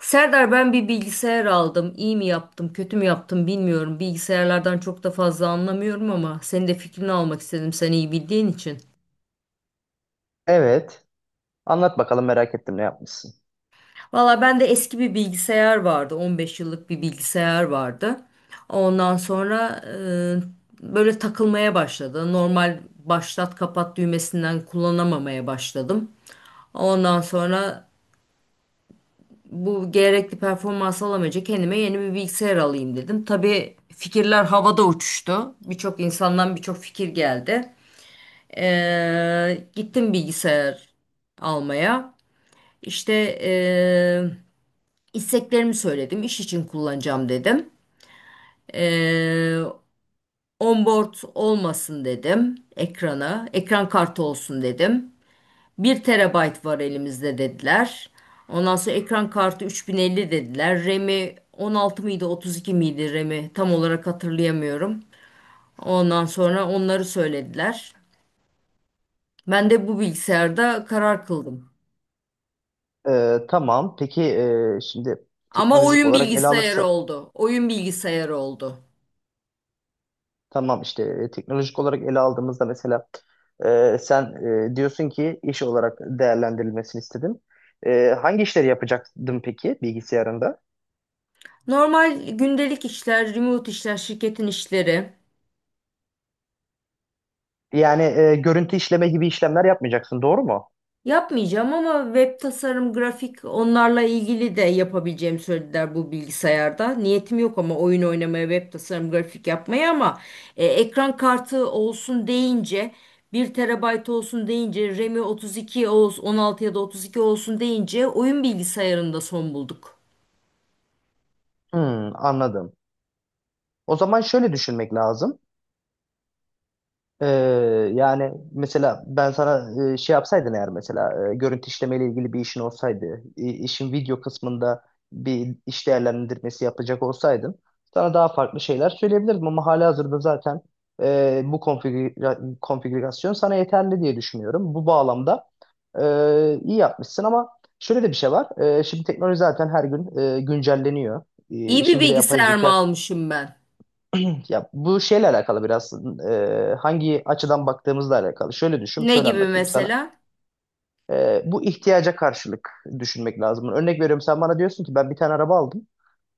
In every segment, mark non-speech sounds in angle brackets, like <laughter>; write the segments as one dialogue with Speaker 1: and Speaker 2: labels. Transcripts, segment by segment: Speaker 1: Serdar ben bir bilgisayar aldım. İyi mi yaptım, kötü mü yaptım bilmiyorum. Bilgisayarlardan çok da fazla anlamıyorum ama senin de fikrini almak istedim sen iyi bildiğin için.
Speaker 2: Evet. Anlat bakalım, merak ettim ne yapmışsın.
Speaker 1: Valla bende eski bir bilgisayar vardı. 15 yıllık bir bilgisayar vardı. Ondan sonra böyle takılmaya başladı. Normal başlat kapat düğmesinden kullanamamaya başladım. Ondan sonra bu gerekli performans alamayınca kendime yeni bir bilgisayar alayım dedim. Tabii fikirler havada uçuştu. Birçok insandan birçok fikir geldi. Gittim bilgisayar almaya. İşte ee, isteklerimi söyledim. İş için kullanacağım dedim. Ee, onboard olmasın dedim ekrana. Ekran kartı olsun dedim. Bir terabayt var elimizde dediler. Ondan sonra ekran kartı 3050 dediler. RAM'i 16 mıydı 32 miydi RAM'i tam olarak hatırlayamıyorum. Ondan sonra onları söylediler. Ben de bu bilgisayarda karar kıldım.
Speaker 2: Tamam. Peki, şimdi
Speaker 1: Ama
Speaker 2: teknolojik
Speaker 1: oyun
Speaker 2: olarak ele
Speaker 1: bilgisayarı
Speaker 2: alırsak,
Speaker 1: oldu. Oyun bilgisayarı oldu.
Speaker 2: tamam işte, teknolojik olarak ele aldığımızda mesela, sen, diyorsun ki iş olarak değerlendirilmesini istedin. Hangi işleri yapacaktın peki bilgisayarında?
Speaker 1: Normal gündelik işler, remote işler, şirketin işleri.
Speaker 2: Yani, görüntü işleme gibi işlemler yapmayacaksın, doğru mu?
Speaker 1: Yapmayacağım ama web tasarım, grafik onlarla ilgili de yapabileceğimi söylediler bu bilgisayarda. Niyetim yok ama oyun oynamaya, web tasarım, grafik yapmaya ama ekran kartı olsun deyince bir terabayt olsun deyince RAM'i 32 olsun 16 ya da 32 olsun deyince oyun bilgisayarında son bulduk.
Speaker 2: Hmm, anladım. O zaman şöyle düşünmek lazım. Ee, Yani mesela ben sana, şey yapsaydın, eğer mesela görüntü işlemeyle ilgili bir işin olsaydı, işin video kısmında bir iş değerlendirmesi yapacak olsaydın, sana daha farklı şeyler söyleyebilirdim ama halihazırda zaten bu konfigürasyon sana yeterli diye düşünüyorum. Bu bağlamda iyi yapmışsın ama şöyle de bir şey var. Şimdi teknoloji zaten her gün güncelleniyor.
Speaker 1: İyi bir
Speaker 2: İşin bir de yapay
Speaker 1: bilgisayar mı
Speaker 2: zeka,
Speaker 1: almışım ben?
Speaker 2: ya bu şeyle alakalı biraz, hangi açıdan baktığımızla alakalı. Şöyle düşün,
Speaker 1: Ne
Speaker 2: şöyle
Speaker 1: gibi
Speaker 2: anlatayım sana.
Speaker 1: mesela?
Speaker 2: Bu ihtiyaca karşılık düşünmek lazım. Örnek veriyorum, sen bana diyorsun ki ben bir tane araba aldım.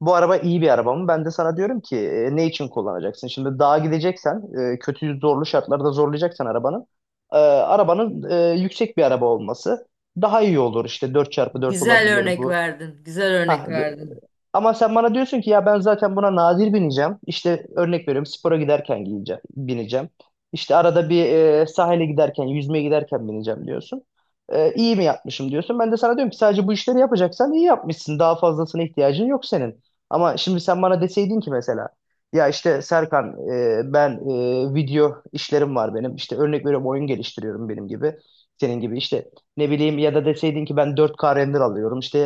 Speaker 2: Bu araba iyi bir araba mı? Ben de sana diyorum ki, ne için kullanacaksın? Şimdi dağa gideceksen, kötü zorlu şartlarda zorlayacaksan arabanın, arabanın, yüksek bir araba olması daha iyi olur. İşte 4x4
Speaker 1: Güzel
Speaker 2: olabilir
Speaker 1: örnek
Speaker 2: bu.
Speaker 1: verdin. Güzel
Speaker 2: Hah,
Speaker 1: örnek verdin.
Speaker 2: ama sen bana diyorsun ki ya ben zaten buna nadir bineceğim. İşte örnek veriyorum, spora giderken giyeceğim, bineceğim. İşte arada bir, sahile giderken, yüzmeye giderken bineceğim diyorsun. İyi mi yapmışım diyorsun. Ben de sana diyorum ki sadece bu işleri yapacaksan iyi yapmışsın. Daha fazlasına ihtiyacın yok senin. Ama şimdi sen bana deseydin ki mesela, ya işte Serkan, ben, video işlerim var benim. İşte örnek veriyorum, oyun geliştiriyorum benim gibi. Senin gibi işte, ne bileyim, ya da deseydin ki ben 4K render alıyorum, işte,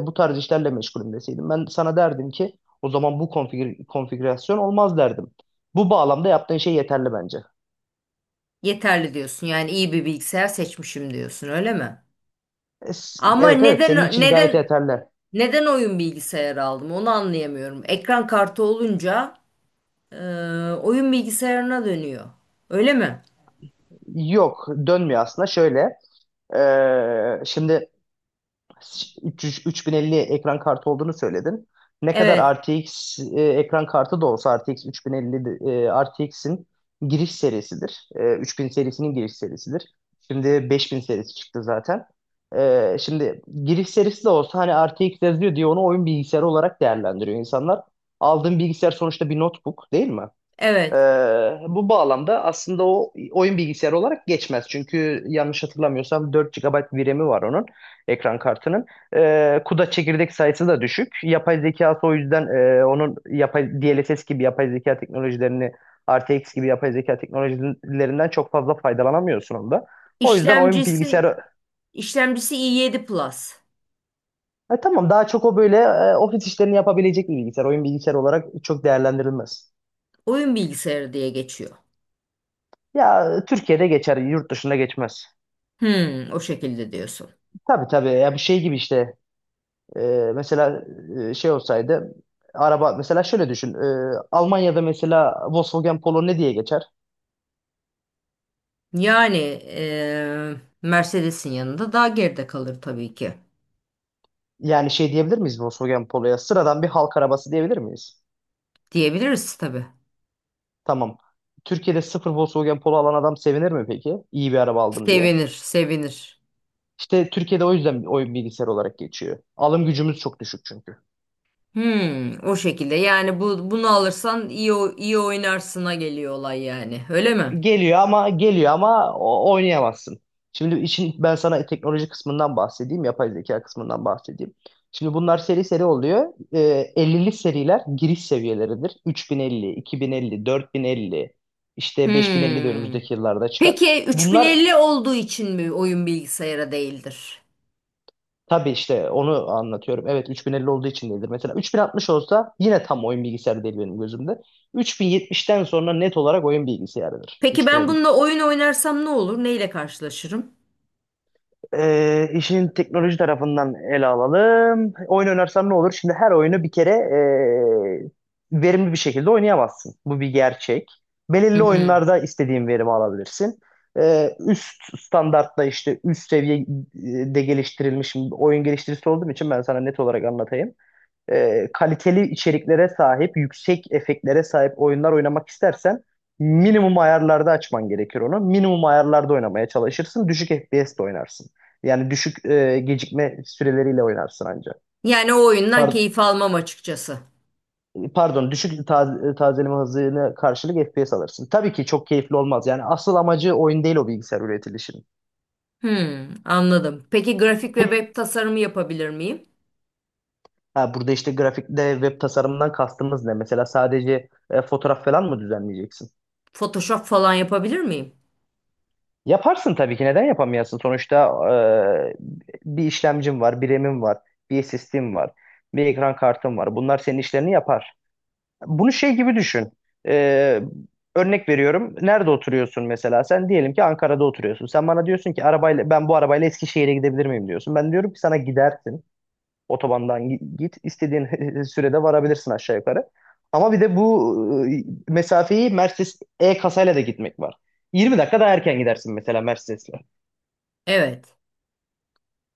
Speaker 2: bu tarz işlerle meşgulüm deseydim. Ben sana derdim ki o zaman bu konfigürasyon olmaz derdim. Bu bağlamda yaptığın şey yeterli bence.
Speaker 1: Yeterli diyorsun. Yani iyi bir bilgisayar seçmişim diyorsun, öyle mi? Ama
Speaker 2: Evet, evet, senin
Speaker 1: neden
Speaker 2: için gayet
Speaker 1: neden
Speaker 2: yeterli.
Speaker 1: neden oyun bilgisayarı aldım onu anlayamıyorum. Ekran kartı olunca e, oyun bilgisayarına dönüyor. Öyle mi?
Speaker 2: Yok, dönmüyor aslında, şöyle: şimdi 300, 3050 ekran kartı olduğunu söyledin. Ne
Speaker 1: Evet.
Speaker 2: kadar RTX, ekran kartı da olsa, RTX 3050 RTX'in giriş serisidir. 3000 serisinin giriş serisidir. Şimdi 5000 serisi çıktı zaten. Şimdi giriş serisi de olsa, hani RTX yazıyor diye onu oyun bilgisayarı olarak değerlendiriyor insanlar. Aldığın bilgisayar sonuçta bir notebook değil mi?
Speaker 1: Evet.
Speaker 2: Ee, Bu bağlamda aslında o, oyun bilgisayarı olarak geçmez. Çünkü yanlış hatırlamıyorsam 4 GB VRAM'i var onun, ekran kartının. CUDA çekirdek sayısı da düşük. Yapay zekası o yüzden, onun yapay, DLSS gibi yapay zeka teknolojilerini, RTX gibi yapay zeka teknolojilerinden çok fazla faydalanamıyorsun onda. O yüzden oyun
Speaker 1: İşlemcisi
Speaker 2: bilgisayarı.
Speaker 1: işlemcisi i7 Plus.
Speaker 2: Ha, tamam, daha çok o böyle ofis işlerini yapabilecek bir bilgisayar. Oyun bilgisayarı olarak çok değerlendirilmez.
Speaker 1: Oyun bilgisayarı diye geçiyor.
Speaker 2: Ya, Türkiye'de geçer, yurt dışında geçmez.
Speaker 1: Hmm, o şekilde diyorsun.
Speaker 2: Tabii, tabii, ya bu şey gibi işte, e, mesela, şey olsaydı, araba mesela, şöyle düşün: Almanya'da mesela Volkswagen Polo ne diye geçer?
Speaker 1: Yani e, Mercedes'in yanında daha geride kalır tabii ki.
Speaker 2: Yani, şey diyebilir miyiz, Volkswagen Polo'ya sıradan bir halk arabası diyebilir miyiz?
Speaker 1: Diyebiliriz tabii.
Speaker 2: Tamam. Türkiye'de sıfır Volkswagen Polo alan adam sevinir mi peki, İyi bir araba aldım diye?
Speaker 1: Sevinir, sevinir.
Speaker 2: İşte Türkiye'de o yüzden oyun bilgisayar olarak geçiyor. Alım gücümüz çok düşük çünkü.
Speaker 1: Hmm, o şekilde. Yani bunu alırsan iyi iyi oynarsına geliyor olay yani. Öyle mi?
Speaker 2: Geliyor ama, geliyor ama oynayamazsın. Şimdi işin ben sana teknoloji kısmından bahsedeyim, yapay zeka kısmından bahsedeyim. Şimdi bunlar seri seri oluyor. 50'li seriler giriş seviyeleridir. 3050, 2050, 4050, işte 5050 de
Speaker 1: Hmm.
Speaker 2: önümüzdeki yıllarda çıkar.
Speaker 1: Peki
Speaker 2: Bunlar,
Speaker 1: 3050 olduğu için mi oyun bilgisayara değildir?
Speaker 2: tabii işte, onu anlatıyorum. Evet, 3050 olduğu için değildir. Mesela 3060 olsa yine tam oyun bilgisayarı değil benim gözümde. 3070'ten sonra net olarak oyun bilgisayarıdır.
Speaker 1: Peki ben bununla oyun oynarsam ne olur? Neyle karşılaşırım?
Speaker 2: İşin teknoloji tarafından ele alalım. Oyun oynarsan ne olur? Şimdi her oyunu bir kere verimli bir şekilde oynayamazsın. Bu bir gerçek.
Speaker 1: Hı
Speaker 2: Belirli
Speaker 1: hı.
Speaker 2: oyunlarda istediğin verimi alabilirsin. Üst standartta, işte üst seviyede geliştirilmiş oyun geliştiricisi olduğum için ben sana net olarak anlatayım: kaliteli içeriklere sahip, yüksek efektlere sahip oyunlar oynamak istersen, minimum ayarlarda açman gerekir onu. Minimum ayarlarda oynamaya çalışırsın. Düşük FPS'te oynarsın. Yani düşük, gecikme süreleriyle oynarsın ancak.
Speaker 1: Yani o oyundan
Speaker 2: Par-
Speaker 1: keyif almam açıkçası.
Speaker 2: Pardon, düşük tazeleme hızına karşılık FPS alırsın. Tabii ki çok keyifli olmaz. Yani asıl amacı oyun değil o bilgisayar üretilişinin.
Speaker 1: Hmm, anladım. Peki grafik ve
Speaker 2: Peki.
Speaker 1: web tasarımı yapabilir miyim?
Speaker 2: Ha, burada işte grafikte, web tasarımından kastımız ne? Mesela sadece fotoğraf falan mı düzenleyeceksin?
Speaker 1: Photoshop falan yapabilir miyim?
Speaker 2: Yaparsın tabii ki. Neden yapamayasın? Sonuçta bir işlemcim var, bir RAM'im var, bir SSD'm var, bir ekran kartım var. Bunlar senin işlerini yapar. Bunu şey gibi düşün. E, Örnek veriyorum. Nerede oturuyorsun mesela? Sen diyelim ki Ankara'da oturuyorsun. Sen bana diyorsun ki arabayla, ben bu arabayla Eskişehir'e gidebilir miyim, diyorsun. Ben diyorum ki sana, gidersin. Otobandan git. İstediğin <laughs> sürede varabilirsin aşağı yukarı. Ama bir de bu mesafeyi Mercedes E kasayla da gitmek var. 20 dakika daha erken gidersin mesela Mercedes'le.
Speaker 1: Evet.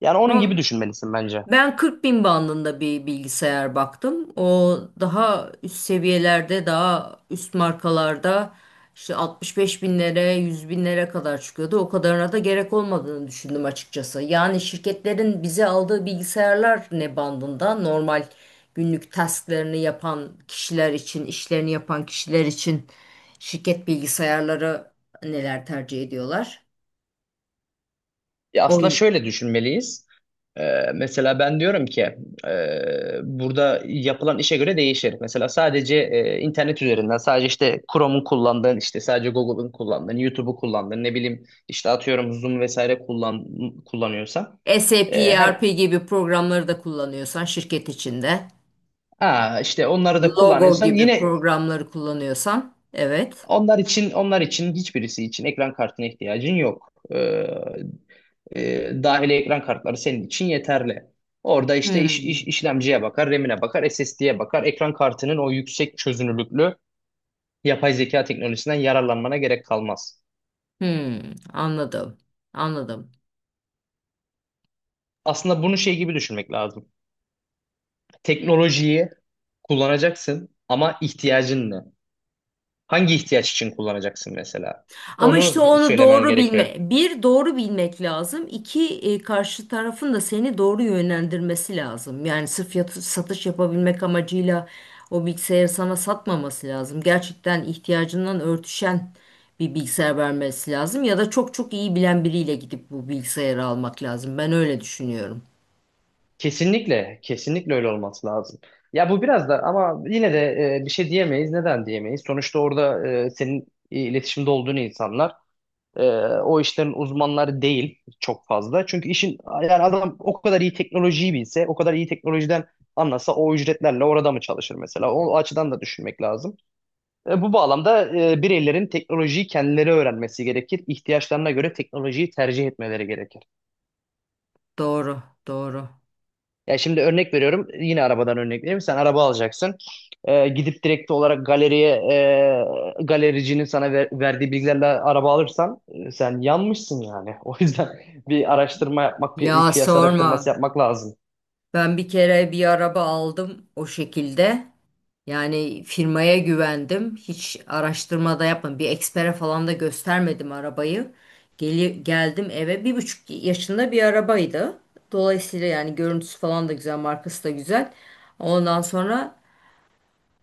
Speaker 2: Yani onun
Speaker 1: Ama
Speaker 2: gibi düşünmelisin bence.
Speaker 1: ben 40 bin bandında bir bilgisayar baktım. O daha üst seviyelerde, daha üst markalarda işte 65 binlere, 100 binlere kadar çıkıyordu. O kadarına da gerek olmadığını düşündüm açıkçası. Yani şirketlerin bize aldığı bilgisayarlar ne bandında? Normal günlük tasklarını yapan kişiler için, işlerini yapan kişiler için şirket bilgisayarları neler tercih ediyorlar?
Speaker 2: Ya aslında
Speaker 1: Oyun.
Speaker 2: şöyle düşünmeliyiz. Mesela ben diyorum ki, burada yapılan işe göre değişir. Mesela sadece internet üzerinden, sadece işte Chrome'un kullandığın, işte sadece Google'ın kullandığın, YouTube'u kullandığın, ne bileyim işte, atıyorum, Zoom vesaire kullanıyorsan,
Speaker 1: SAP, ERP
Speaker 2: her,
Speaker 1: gibi programları da kullanıyorsan şirket içinde.
Speaker 2: ha, işte onları da
Speaker 1: Logo
Speaker 2: kullanırsan,
Speaker 1: gibi
Speaker 2: yine
Speaker 1: programları kullanıyorsan evet.
Speaker 2: onlar için hiçbirisi için ekran kartına ihtiyacın yok. Dahili ekran kartları senin için yeterli. Orada işte
Speaker 1: Hmm,
Speaker 2: işlemciye bakar, RAM'ine bakar, SSD'ye bakar. Ekran kartının o yüksek çözünürlüklü yapay zeka teknolojisinden yararlanmana gerek kalmaz.
Speaker 1: hmm, anladım. Anladım.
Speaker 2: Aslında bunu şey gibi düşünmek lazım. Teknolojiyi kullanacaksın ama ihtiyacın ne? Hangi ihtiyaç için kullanacaksın mesela?
Speaker 1: Ama işte
Speaker 2: Onu
Speaker 1: onu
Speaker 2: söylemen
Speaker 1: doğru bilme.
Speaker 2: gerekiyor.
Speaker 1: Bir doğru bilmek lazım. İki karşı tarafın da seni doğru yönlendirmesi lazım. Yani sırf satış yapabilmek amacıyla o bilgisayarı sana satmaması lazım. Gerçekten ihtiyacından örtüşen bir bilgisayar vermesi lazım ya da çok çok iyi bilen biriyle gidip bu bilgisayarı almak lazım. Ben öyle düşünüyorum.
Speaker 2: Kesinlikle, kesinlikle öyle olması lazım. Ya bu biraz da, ama yine de bir şey diyemeyiz. Neden diyemeyiz? Sonuçta orada senin iletişimde olduğun insanlar, e, o işlerin uzmanları değil çok fazla. Çünkü işin, yani adam o kadar iyi teknolojiyi bilse, o kadar iyi teknolojiden anlasa, o ücretlerle orada mı çalışır mesela? O açıdan da düşünmek lazım. Bu bağlamda bireylerin teknolojiyi kendileri öğrenmesi gerekir. İhtiyaçlarına göre teknolojiyi tercih etmeleri gerekir.
Speaker 1: Doğru, doğru.
Speaker 2: Ya şimdi örnek veriyorum. Yine arabadan örnek vereyim. Sen araba alacaksın. Gidip direkt olarak galeriye, galericinin sana verdiği bilgilerle araba alırsan, sen yanmışsın yani. <laughs> O yüzden bir araştırma yapmak,
Speaker 1: Ya
Speaker 2: piyasa araştırması
Speaker 1: sorma.
Speaker 2: yapmak lazım.
Speaker 1: Ben bir kere bir araba aldım o şekilde. Yani firmaya güvendim. Hiç araştırma da yapmadım. Bir ekspere falan da göstermedim arabayı. Geldim eve 1,5 yaşında bir arabaydı. Dolayısıyla yani görüntüsü falan da güzel, markası da güzel. Ondan sonra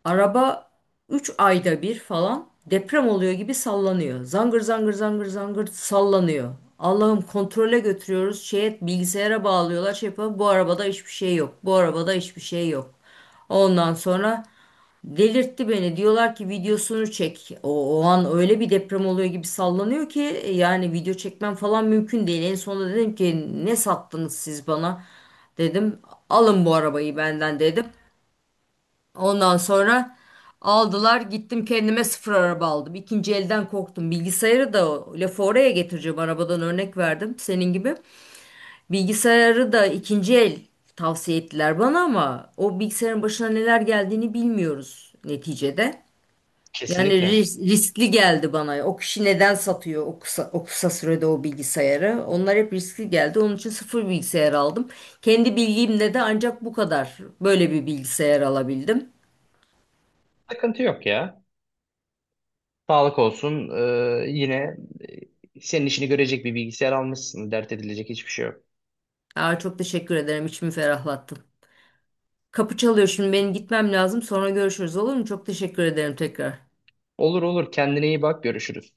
Speaker 1: araba 3 ayda bir falan deprem oluyor gibi sallanıyor. Zangır zangır zangır zangır sallanıyor. Allah'ım kontrole götürüyoruz. Şeye, bilgisayara bağlıyorlar. Şey yapıyor. Bu arabada hiçbir şey yok. Bu arabada hiçbir şey yok. Ondan sonra delirtti beni. Diyorlar ki videosunu çek. O an öyle bir deprem oluyor gibi sallanıyor ki yani video çekmem falan mümkün değil. En sonunda dedim ki ne sattınız siz bana? Dedim alın bu arabayı benden dedim. Ondan sonra aldılar gittim kendime sıfır araba aldım. İkinci elden korktum. Bilgisayarı da o lafı oraya getireceğim arabadan örnek verdim senin gibi. Bilgisayarı da ikinci el tavsiye ettiler bana ama o bilgisayarın başına neler geldiğini bilmiyoruz neticede. Yani
Speaker 2: Kesinlikle.
Speaker 1: riskli geldi bana. O kişi neden satıyor o kısa sürede o bilgisayarı? Onlar hep riskli geldi. Onun için sıfır bilgisayar aldım. Kendi bilgimle de ancak bu kadar böyle bir bilgisayar alabildim.
Speaker 2: Sıkıntı yok ya. Sağlık olsun. Yine senin işini görecek bir bilgisayar almışsın. Dert edilecek hiçbir şey yok.
Speaker 1: Aa, çok teşekkür ederim. İçimi ferahlattın. Kapı çalıyor şimdi. Benim gitmem lazım. Sonra görüşürüz olur mu? Çok teşekkür ederim tekrar.
Speaker 2: Olur, olur. Kendine iyi bak. Görüşürüz.